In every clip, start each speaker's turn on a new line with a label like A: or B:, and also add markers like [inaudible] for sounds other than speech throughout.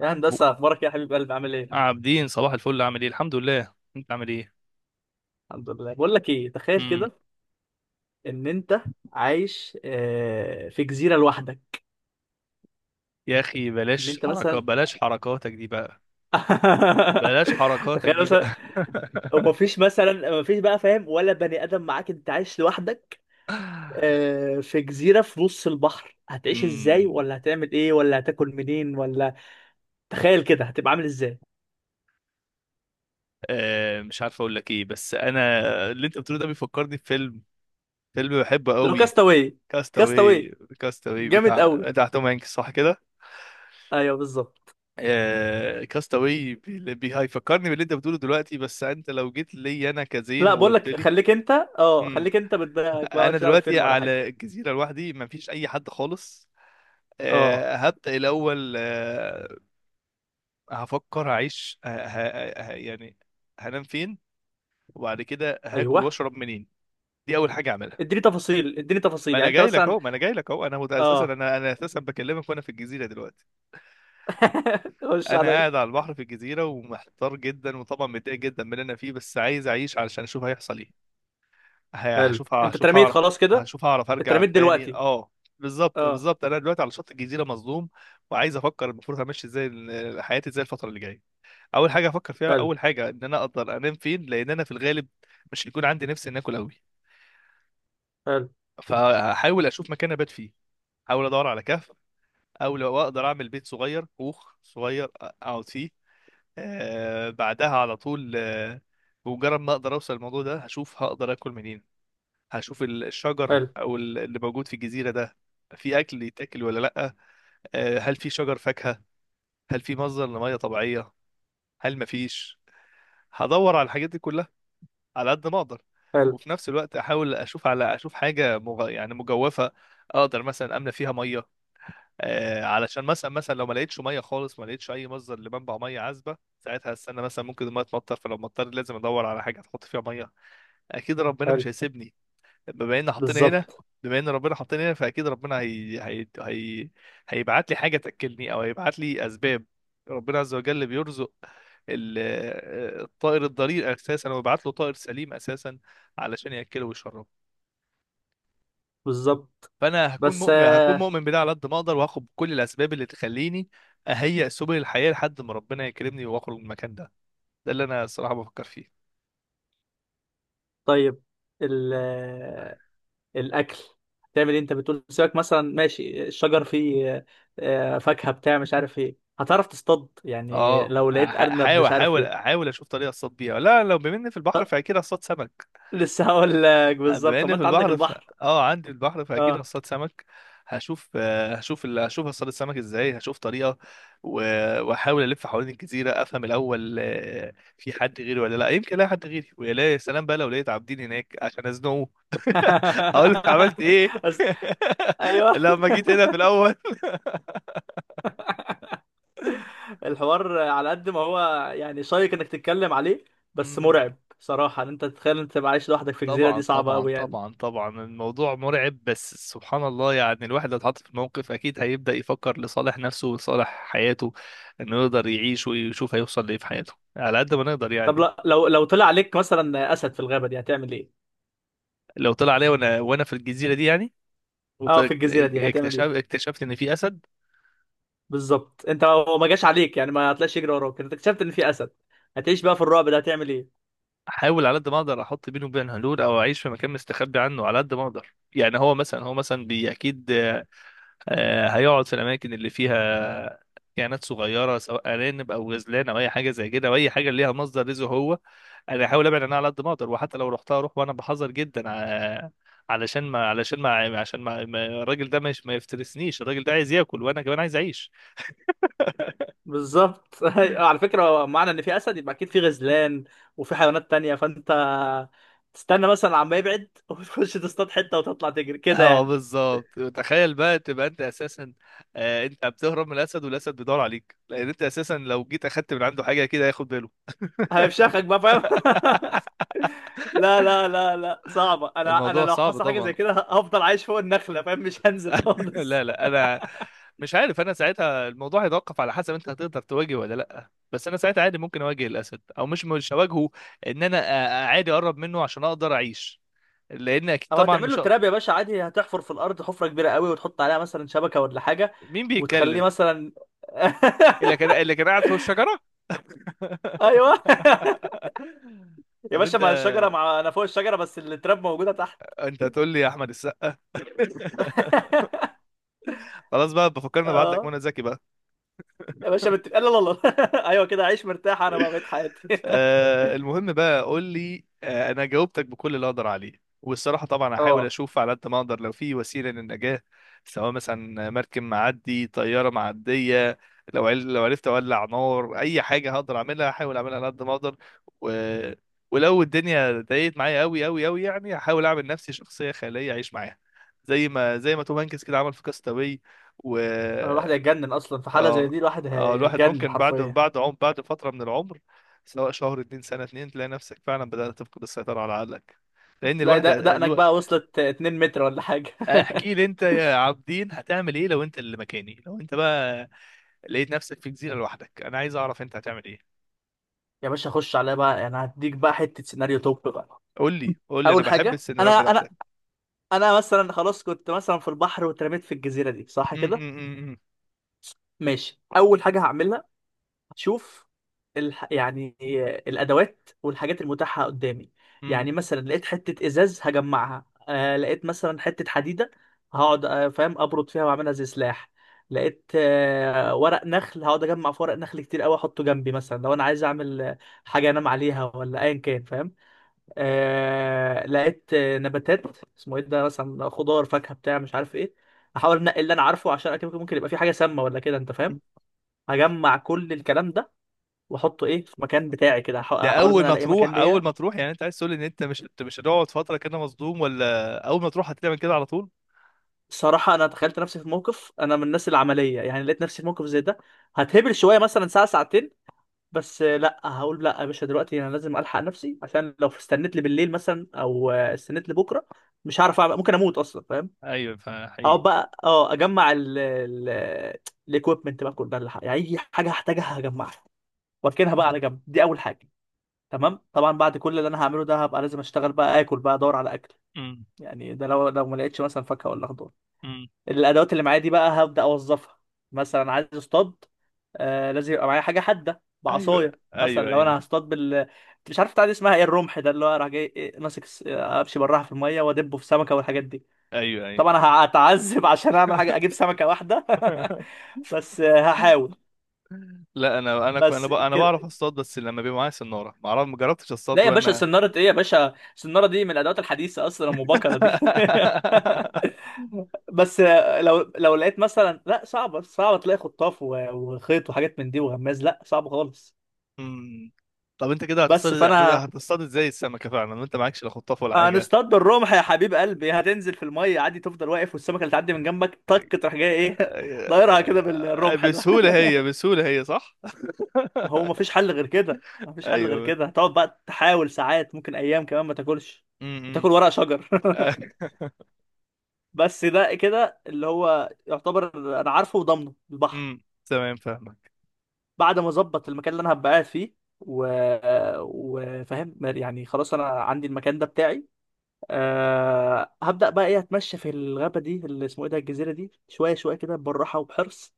A: يا
B: عبو
A: هندسة أخبارك إيه يا حبيب قلبي عامل إيه؟
B: عابدين، صباح الفل. عامل ايه؟ الحمد لله، انت عامل ايه؟
A: الحمد لله، بقول لك إيه، تخيل
B: امم
A: كده إن أنت عايش، في جزيرة لوحدك.
B: يا اخي
A: إن
B: بلاش
A: أنت
B: حركات،
A: مثلا [laughs]
B: بلاش حركاتك
A: تخيل
B: دي بقى.
A: مثلا. ومفيش مثلا، مفيش فاهم، ولا بني آدم معاك، أنت عايش لوحدك
B: [laughs]
A: في جزيرة في نص البحر. هتعيش إزاي؟
B: امم
A: ولا هتعمل إيه؟ ولا هتاكل منين؟ ولا تخيل كده هتبقى عامل إزاي؟
B: مش عارف اقول لك ايه، بس انا اللي انت بتقوله ده بيفكرني بفيلم. فيلم بحبه
A: لو
B: قوي.
A: كاستاوي.
B: كاستاوي.
A: كاستاوي
B: كاستاوي
A: جامد
B: بتاع
A: قوي.
B: بتاع توم هانكس، صح كده؟
A: أيوه بالظبط.
B: كاستاوي، هيفكرني باللي انت بتقوله دلوقتي. بس انت لو جيت لي انا كزين
A: لا بقول
B: وقلت
A: لك،
B: لي
A: خليك انت، خليك انت بدماغك،
B: انا
A: مالكش دعوه
B: دلوقتي
A: بالفيلم ولا حاجه.
B: على الجزيره لوحدي، مفيش اي حد خالص.
A: اه،
B: هبدا الاول. هفكر هعيش يعني هنام فين، وبعد كده هاكل
A: ايوه
B: واشرب منين. دي اول حاجه اعملها.
A: اديني تفاصيل، اديني
B: ما
A: تفاصيل،
B: انا
A: يعني انت
B: جاي لك
A: مثلا
B: اهو، ما انا جاي لك اهو. انا مت- اساسا
A: اه.
B: انا انا اساسا بكلمك وانا في الجزيره دلوقتي.
A: [laughs] خش
B: انا
A: عليا.
B: قاعد على البحر في الجزيره، ومحتار جدا، وطبعا متضايق جدا من اللي انا فيه، بس عايز اعيش علشان اشوف هيحصل ايه. ه-
A: حلو،
B: هشوف
A: انت
B: هشوف
A: اترميت
B: هعرف،
A: خلاص كده؟
B: هشوف هعرف ارجع
A: اترميت
B: تاني
A: دلوقتي؟
B: اه. بالظبط،
A: اه.
B: بالظبط، انا دلوقتي على شط الجزيره مظلوم، وعايز افكر المفروض همشي ازاي، حياتي ازاي الفتره اللي جايه. اول حاجه افكر فيها،
A: حلو.
B: اول حاجه ان انا اقدر انام فين، لان انا في الغالب مش هيكون عندي نفس ان اكل قوي،
A: حلو.
B: فهحاول اشوف مكان ابات فيه. احاول ادور على كهف، او لو اقدر اعمل بيت صغير، كوخ صغير اقعد فيه. بعدها على طول، بمجرد ما اقدر اوصل الموضوع ده، هشوف هقدر اكل منين. هشوف الشجر،
A: حلو.
B: او اللي موجود في الجزيره ده في اكل يتاكل ولا لا. هل في شجر فاكهه؟ هل في مصدر لميه طبيعيه؟ هل مفيش؟ هدور على الحاجات دي كلها على قد ما اقدر.
A: حلو.
B: وفي نفس الوقت احاول اشوف، على اشوف حاجه يعني مجوفه اقدر مثلا املى فيها ميه. علشان مثلا لو ما لقيتش ميه خالص، ما لقيتش اي مصدر لمنبع ميه عذبه، ساعتها هستنى مثلا ممكن الميه تمطر، فلو مطر لازم ادور على حاجه تحط فيها ميه. اكيد ربنا
A: حلو.
B: مش هيسيبني بما ان حطيني هنا
A: بالظبط.
B: بما ان ربنا حطيني هنا، فاكيد ربنا هيبعت لي حاجه تاكلني، او هيبعت لي اسباب. ربنا عز وجل بيرزق ال- الطائر الضرير اساسا، ويبعت له طائر سليم اساسا علشان ياكله ويشربه.
A: بالظبط.
B: فانا هكون
A: بس
B: مؤمن، هكون مؤمن بده على قد ما اقدر، وهاخد كل الاسباب اللي تخليني اهيئ سبل الحياه لحد ما ربنا يكرمني واخرج من المكان ده. ده اللي انا الصراحه بفكر فيه.
A: طيب، ال آه، الاكل، تعمل ايه؟ انت بتقول سيبك مثلا ماشي الشجر فيه فاكهه بتاع مش عارف ايه. هتعرف تصطاد؟ يعني
B: اه،
A: لو لقيت ارنب
B: حاول
A: مش عارف ايه.
B: حاول حاول اشوف طريقه اصطاد بيها. لا، لو بما إني في البحر فاكيد اصطاد سمك.
A: [laughs] لسه هقول لك
B: بما
A: بالظبط، طب
B: اني
A: ما
B: في
A: انت عندك
B: البحر ف...
A: البحر.
B: اه عندي البحر، فاكيد
A: اه.
B: هصطاد سمك. هشوف، هشوف هصطاد السمك ازاي، هشوف طريقه. و... واحاول الف حوالين الجزيره، افهم الاول في حد غيري ولا لا. يمكن الاقي حد غيري، ويا لا- يا سلام بقى لو لقيت عابدين هناك عشان ازنقه، اقول لك عملت ايه
A: [laughs] بس
B: [laughs]
A: ايوه،
B: لما جيت هنا في الاول.
A: الحوار على قد ما هو يعني شيق انك تتكلم عليه، بس مرعب
B: [laughs]
A: صراحه ان انت تتخيل انت تبقى عايش لوحدك في جزيره،
B: طبعا،
A: دي صعبه
B: طبعا،
A: قوي يعني.
B: طبعا، طبعا الموضوع مرعب، بس سبحان الله، يعني الواحد لو اتحط في الموقف اكيد هيبدأ يفكر لصالح نفسه ولصالح حياته، انه يقدر يعيش ويشوف هيوصل لايه في حياته على قد ما نقدر
A: طب
B: يعني.
A: لو طلع عليك مثلا اسد في الغابه دي هتعمل ايه؟
B: لو طلع عليا وانا في الجزيرة دي يعني،
A: اه في الجزيره دي هتعمل
B: واكتشفت،
A: ايه؟
B: ان في اسد،
A: بالظبط، انت هو ما جاش عليك يعني، ما هتلاقيش يجري وراك، انت اكتشفت ان في اسد. هتعيش بقى في الرعب ده، هتعمل ايه؟
B: احاول على قد ما اقدر احط بينه وبين هلول، او اعيش في مكان مستخبي عنه على قد ما اقدر. يعني هو مثلا، هو مثلا بي اكيد هيقعد في الاماكن اللي فيها كائنات صغيره، سواء ارانب او غزلان او اي حاجه زي كده، او اي حاجه ليها مصدر رزق هو. انا هحاول ابعد عنها على قد ما اقدر، وحتى لو رحتها اروح وانا بحذر جدا، ع- علشان ما علشان ما عشان ما ما- الراجل ده مش ما يفترسنيش، الراجل ده عايز ياكل وانا كمان عايز اعيش.
A: بالظبط. [laughs] أيوة، على فكرة هو معنى ان في اسد يبقى اكيد في غزلان وفي حيوانات تانية، فانت تستنى مثلا عما يبعد [laughs] وتخش تصطاد حتة وتطلع تجري
B: [laughs]
A: كده
B: اه
A: يعني.
B: بالظبط، تخيل بقى تبقى انت اساسا، انت بتهرب من الاسد، والاسد بيدور عليك، لان انت اساسا لو جيت اخدت من عنده حاجه كده هياخد باله.
A: هيفشخك بقى فاهم. [laughs] لا، صعبة، انا
B: الموضوع
A: لو
B: صعب
A: حصل حاجة
B: طبعا.
A: زي كده هفضل عايش فوق النخلة فاهم، مش هنزل [laughs]
B: [laughs] لا،
A: خالص.
B: لا، انا مش عارف. انا ساعتها الموضوع هيتوقف على حسب انت هتقدر تواجه ولا لا، بس انا ساعتها عادي ممكن اواجه الاسد، او مش هواجهه. ان انا عادي اقرب منه عشان اقدر اعيش، لان اكيد
A: او
B: طبعا
A: هتعمل
B: مش
A: له
B: هق-
A: تراب يا باشا، عادي هتحفر في الارض حفرة كبيرة قوي وتحط عليها مثلا شبكة ولا حاجة،
B: مين
A: وتخليه
B: بيتكلم؟
A: مثلا. [laughs]
B: اللي كان قاعد فوق الشجره.
A: ايوه
B: [laughs]
A: يا
B: طب
A: باشا،
B: انت
A: مع الشجرة، مع انا فوق الشجرة بس التراب موجودة تحت.
B: انت هتقول لي يا احمد السقا؟ [laughs]
A: [laughs]
B: خلاص بقى، بفكرني ابعت لك
A: اه.
B: منى زكي بقى.
A: يا باشا لا، [laughs] ايوه كده عيش مرتاح، انا بقى بقيت حياتي. [laughs]
B: المهم بقى قول لي، انا جاوبتك بكل اللي اقدر عليه. والصراحه طبعا هحاول
A: اه،
B: اشوف على قد ما اقدر، لو في وسيله للنجاه، سواء مثلا مركب معدي، طياره معديه. لو عرفت اولع نار، اي حاجه هقدر اعملها هحاول اعملها على قد ما اقدر. و... ولو الدنيا ضايقت معايا قوي قوي قوي يعني، هحاول اعمل نفسي شخصيه خياليه اعيش معاها، زي ما توم هانكس كده عمل في كاستاوي. و...
A: انا الواحد هيتجنن اصلا في حاله زي
B: اه،
A: دي، الواحد
B: اه الواحد
A: هيتجنن
B: ممكن
A: حرفيا،
B: بعد فترة من العمر، سواء شهر اتنين، سنة اتنين، تلاقي نفسك فعلا بدأت تفقد السيطرة على عقلك، لأن
A: تلاقي
B: الواحد
A: دقنك
B: الو...
A: بقى وصلت 2 متر ولا حاجه.
B: احكي لي انت يا عابدين هتعمل ايه لو انت اللي مكاني، لو انت بقى لقيت نفسك في جزيرة لوحدك، انا عايز اعرف انت هتعمل ايه.
A: [laughs] يا باشا خش عليا بقى، انا هديك بقى حته سيناريو توب بقى.
B: قول لي، قول لي، انا
A: اول
B: بحب
A: حاجه، انا
B: السيناريوهات
A: انا
B: بتاعتك.
A: انا مثلا خلاص كنت مثلا في البحر واترميت في الجزيره دي، صح
B: م-
A: كده؟
B: م- م-
A: ماشي، اول حاجه هعملها، شوف يعني الادوات والحاجات المتاحه قدامي،
B: م-
A: يعني مثلا لقيت حته ازاز هجمعها، لقيت مثلا حته حديده هقعد فاهم ابرد فيها واعملها زي سلاح. لقيت ورق نخل، هقعد اجمع في ورق نخل كتير قوي احطه جنبي، مثلا لو انا عايز اعمل حاجه انام عليها ولا ايا كان فاهم. لقيت نباتات، اسمه ايه ده، مثلا خضار، فاكهه بتاع مش عارف ايه، احاول انقي اللي انا عارفه، عشان اكيد ممكن يبقى في حاجه سامه ولا كده انت
B: م.
A: فاهم. هجمع كل الكلام ده واحطه ايه في مكان بتاعي كده،
B: ده
A: هحاول ان
B: اول
A: انا
B: ما
A: الاقي مكان
B: تروح،
A: ليا.
B: يعني انت عايز تقول ان انت مش هتقعد فترة كده مصدوم، ولا اول ما تروح هتعمل كده على طول؟
A: الصراحه انا تخيلت نفسي في موقف، انا من الناس العمليه يعني، لقيت نفسي في موقف زي ده هتهبل شويه مثلا ساعه ساعتين، بس لا هقول لا يا باشا، دلوقتي انا لازم الحق نفسي، عشان لو استنيت لي بالليل مثلا او استنيت لي بكره مش هعرف ممكن اموت اصلا فاهم.
B: ايوه،
A: هقعد
B: فحقيقي.
A: بقى اه اجمع ال الاكويبمنت بقى، كل ده، اللي يعني اي حاجه هحتاجها هجمعها واركنها بقى على جنب، دي اول حاجه. تمام، طبعا بعد كل اللي انا هعمله ده هبقى لازم اشتغل بقى، اكل بقى، ادور على اكل،
B: م-
A: يعني ده لو ما لقيتش مثلا فاكهه ولا خضار.
B: م.
A: الادوات اللي معايا دي بقى هبدا اوظفها، مثلا عايز اصطاد، لازم يبقى معايا حاجه حاده،
B: ايوه،
A: بعصايه
B: ايوه،
A: مثلا، لو
B: ايوه.
A: انا هصطاد بال مش عارف بتاع دي اسمها ايه، الرمح ده اللي هو راح جاي إيه، ماسك امشي براها في الميه وادبه في سمكه والحاجات دي.
B: ايوه، ايوه.
A: طبعا أنا هتعذب [laughs] عشان اعمل حاجه، اجيب سمكه واحده.
B: [laughs]
A: [laughs] بس هحاول
B: لا انا،
A: بس
B: انا
A: كده.
B: بعرف اصطاد، بس لما بيبقى معايا سناره ما اعرف، ما جربتش
A: لا
B: اصطاد
A: يا باشا
B: وانا.
A: سنارة ايه يا باشا، السنارة دي من الادوات الحديثة اصلا، ام بكرة دي. [laughs]
B: [laughs]
A: بس لو لقيت مثلا، لا صعبه، صعبه تلاقي خطاف وخيط وحاجات من دي وغماز، لا صعب خالص.
B: أمم. طب انت كده هتصطاد،
A: بس فانا
B: هتصطاد ازاي السمكه فعلا وانت معكش لا خطاف ولا حاجه؟
A: هنصطاد بالرمح يا حبيب قلبي، هتنزل في الميه عادي، تفضل واقف والسمكه اللي تعدي من جنبك طك تروح جاي ايه، [laughs] دايرها كده
B: آه،
A: بالرمح ده.
B: بسهوله
A: [laughs]
B: هي، بسهوله هي، صح؟ [laughs]
A: ما هو مفيش حل غير كده، مفيش حل غير
B: ايوه.
A: كده، هتقعد بقى تحاول ساعات ممكن ايام كمان ما تاكلش،
B: امم
A: تاكل ورق شجر. [laughs] بس ده كده اللي هو يعتبر، انا عارفه وضامنه البحر.
B: امم [laughs] تمام، فاهمك.
A: بعد ما اظبط المكان اللي انا هبقى قاعد فيه و... وفاهم يعني خلاص انا عندي المكان ده بتاعي، هبدأ بقى ايه، اتمشى في الغابة دي اللي اسمه ايه ده، الجزيرة دي، شوية شوية كده بالراحة وبحرص،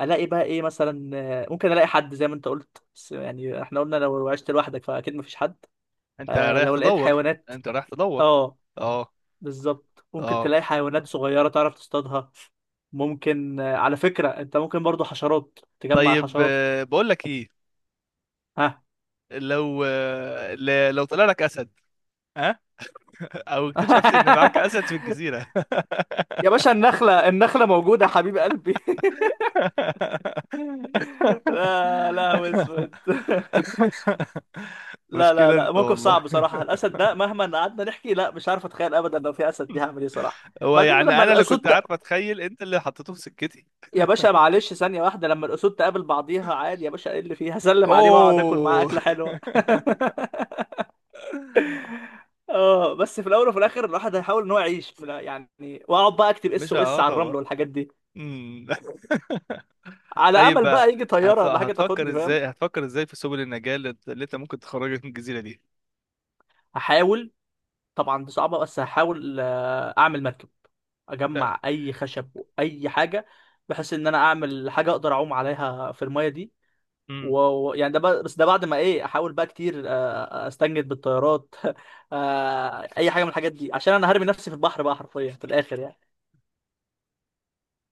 A: الاقي بقى ايه مثلا. ممكن الاقي حد زي ما انت قلت، بس يعني احنا قلنا لو عشت لوحدك فاكيد مفيش حد.
B: انت رايح
A: لو لقيت
B: تدور،
A: حيوانات،
B: انت رايح تدور.
A: اه
B: اه.
A: بالظبط، ممكن
B: اه.
A: تلاقي حيوانات صغيرة تعرف تصطادها. ممكن على فكرة انت ممكن برضو حشرات، تجمع
B: طيب،
A: الحشرات.
B: بقول لك ايه.
A: ها.
B: لو لو طلع لك اسد؟ ها. [laughs] او اكتشفت ان معاك اسد في
A: [laughs]
B: الجزيره؟ [laughs]
A: يا باشا النخلة، النخلة موجودة يا حبيب قلبي. [laughs] لا، هو اسود. [laughs] لا لا
B: مشكله
A: لا
B: انت
A: موقف
B: والله،
A: صعب بصراحة، الأسد ده مهما قعدنا نحكي، لا مش عارف أتخيل أبدا لو في أسد دي هعمل إيه صراحة،
B: هو
A: بعدين
B: يعني
A: لما
B: انا اللي
A: الأسود
B: كنت عارف اتخيل، انت اللي حطيته في سكتي.
A: يا باشا معلش ثانية واحدة، لما الأسود تقابل بعضيها عادي يا باشا، إيه اللي فيها، [laughs] هسلم عليه وأقعد آكل معاه
B: اوه.
A: أكلة حلوة. [laughs] اه، بس في الأول وفي الآخر الواحد هيحاول إن هو يعيش في يعني، وأقعد بقى
B: [laughs]
A: أكتب اس
B: مش
A: او اس على
B: هقاطع
A: الرمل
B: بقى.
A: والحاجات دي،
B: أمم. [laughs]
A: على
B: طيب
A: أمل
B: بقى،
A: بقى يجي طيارة ولا حاجة
B: هتفكر
A: تاخدني فاهم.
B: ازاي، هتفكر ازاي في سبل النجاة اللي انت ممكن تخرجك من الجزيره دي؟
A: هحاول، طبعا دي صعبة بس هحاول أعمل مركب، أجمع أي خشب وأي حاجة بحيث إن أنا أعمل حاجة أقدر أعوم عليها في المية دي،
B: أمم.
A: و- يعني ده بقى، بس ده بعد ما إيه، أحاول بقى كتير أستنجد بالطيارات. [laughs] أي حاجة من الحاجات دي، عشان أنا هرمي نفسي في البحر بقى حرفيا في الآخر يعني.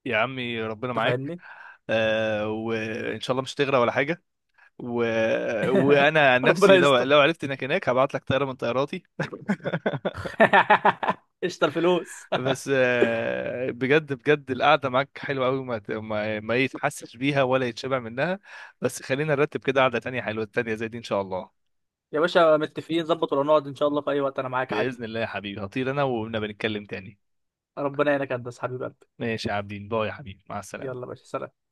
B: يا عمي ربنا
A: أنت
B: معاك.
A: فاهمني؟
B: آه، وان شاء الله مش هتغرق ولا حاجه. و... وانا عن
A: ربنا
B: نفسي، لو
A: يستر.
B: لو عرفت انك هناك هبعت لك طياره من طياراتي. [laughs]
A: [laughs] قشطة الفلوس.
B: بس بجد بجد، القعده معاك حلوه قوي، ما ما ما يتحسش بيها ولا يتشبع منها. بس خلينا نرتب كده قعده تانية حلوه تانية زي دي ان شاء الله.
A: [laughs] يا باشا متفقين، ظبط ولا نقعد إن شاء الله في أي وقت، أنا معاك عادي.
B: باذن الله يا حبيبي، هطير انا وقلنا بنتكلم تاني.
A: ربنا يعينك يا هندسة حبيب قلبي.
B: ماشي يا عابدين، باي يا حبيبي، مع السلامه.
A: يلا يا باشا سلام.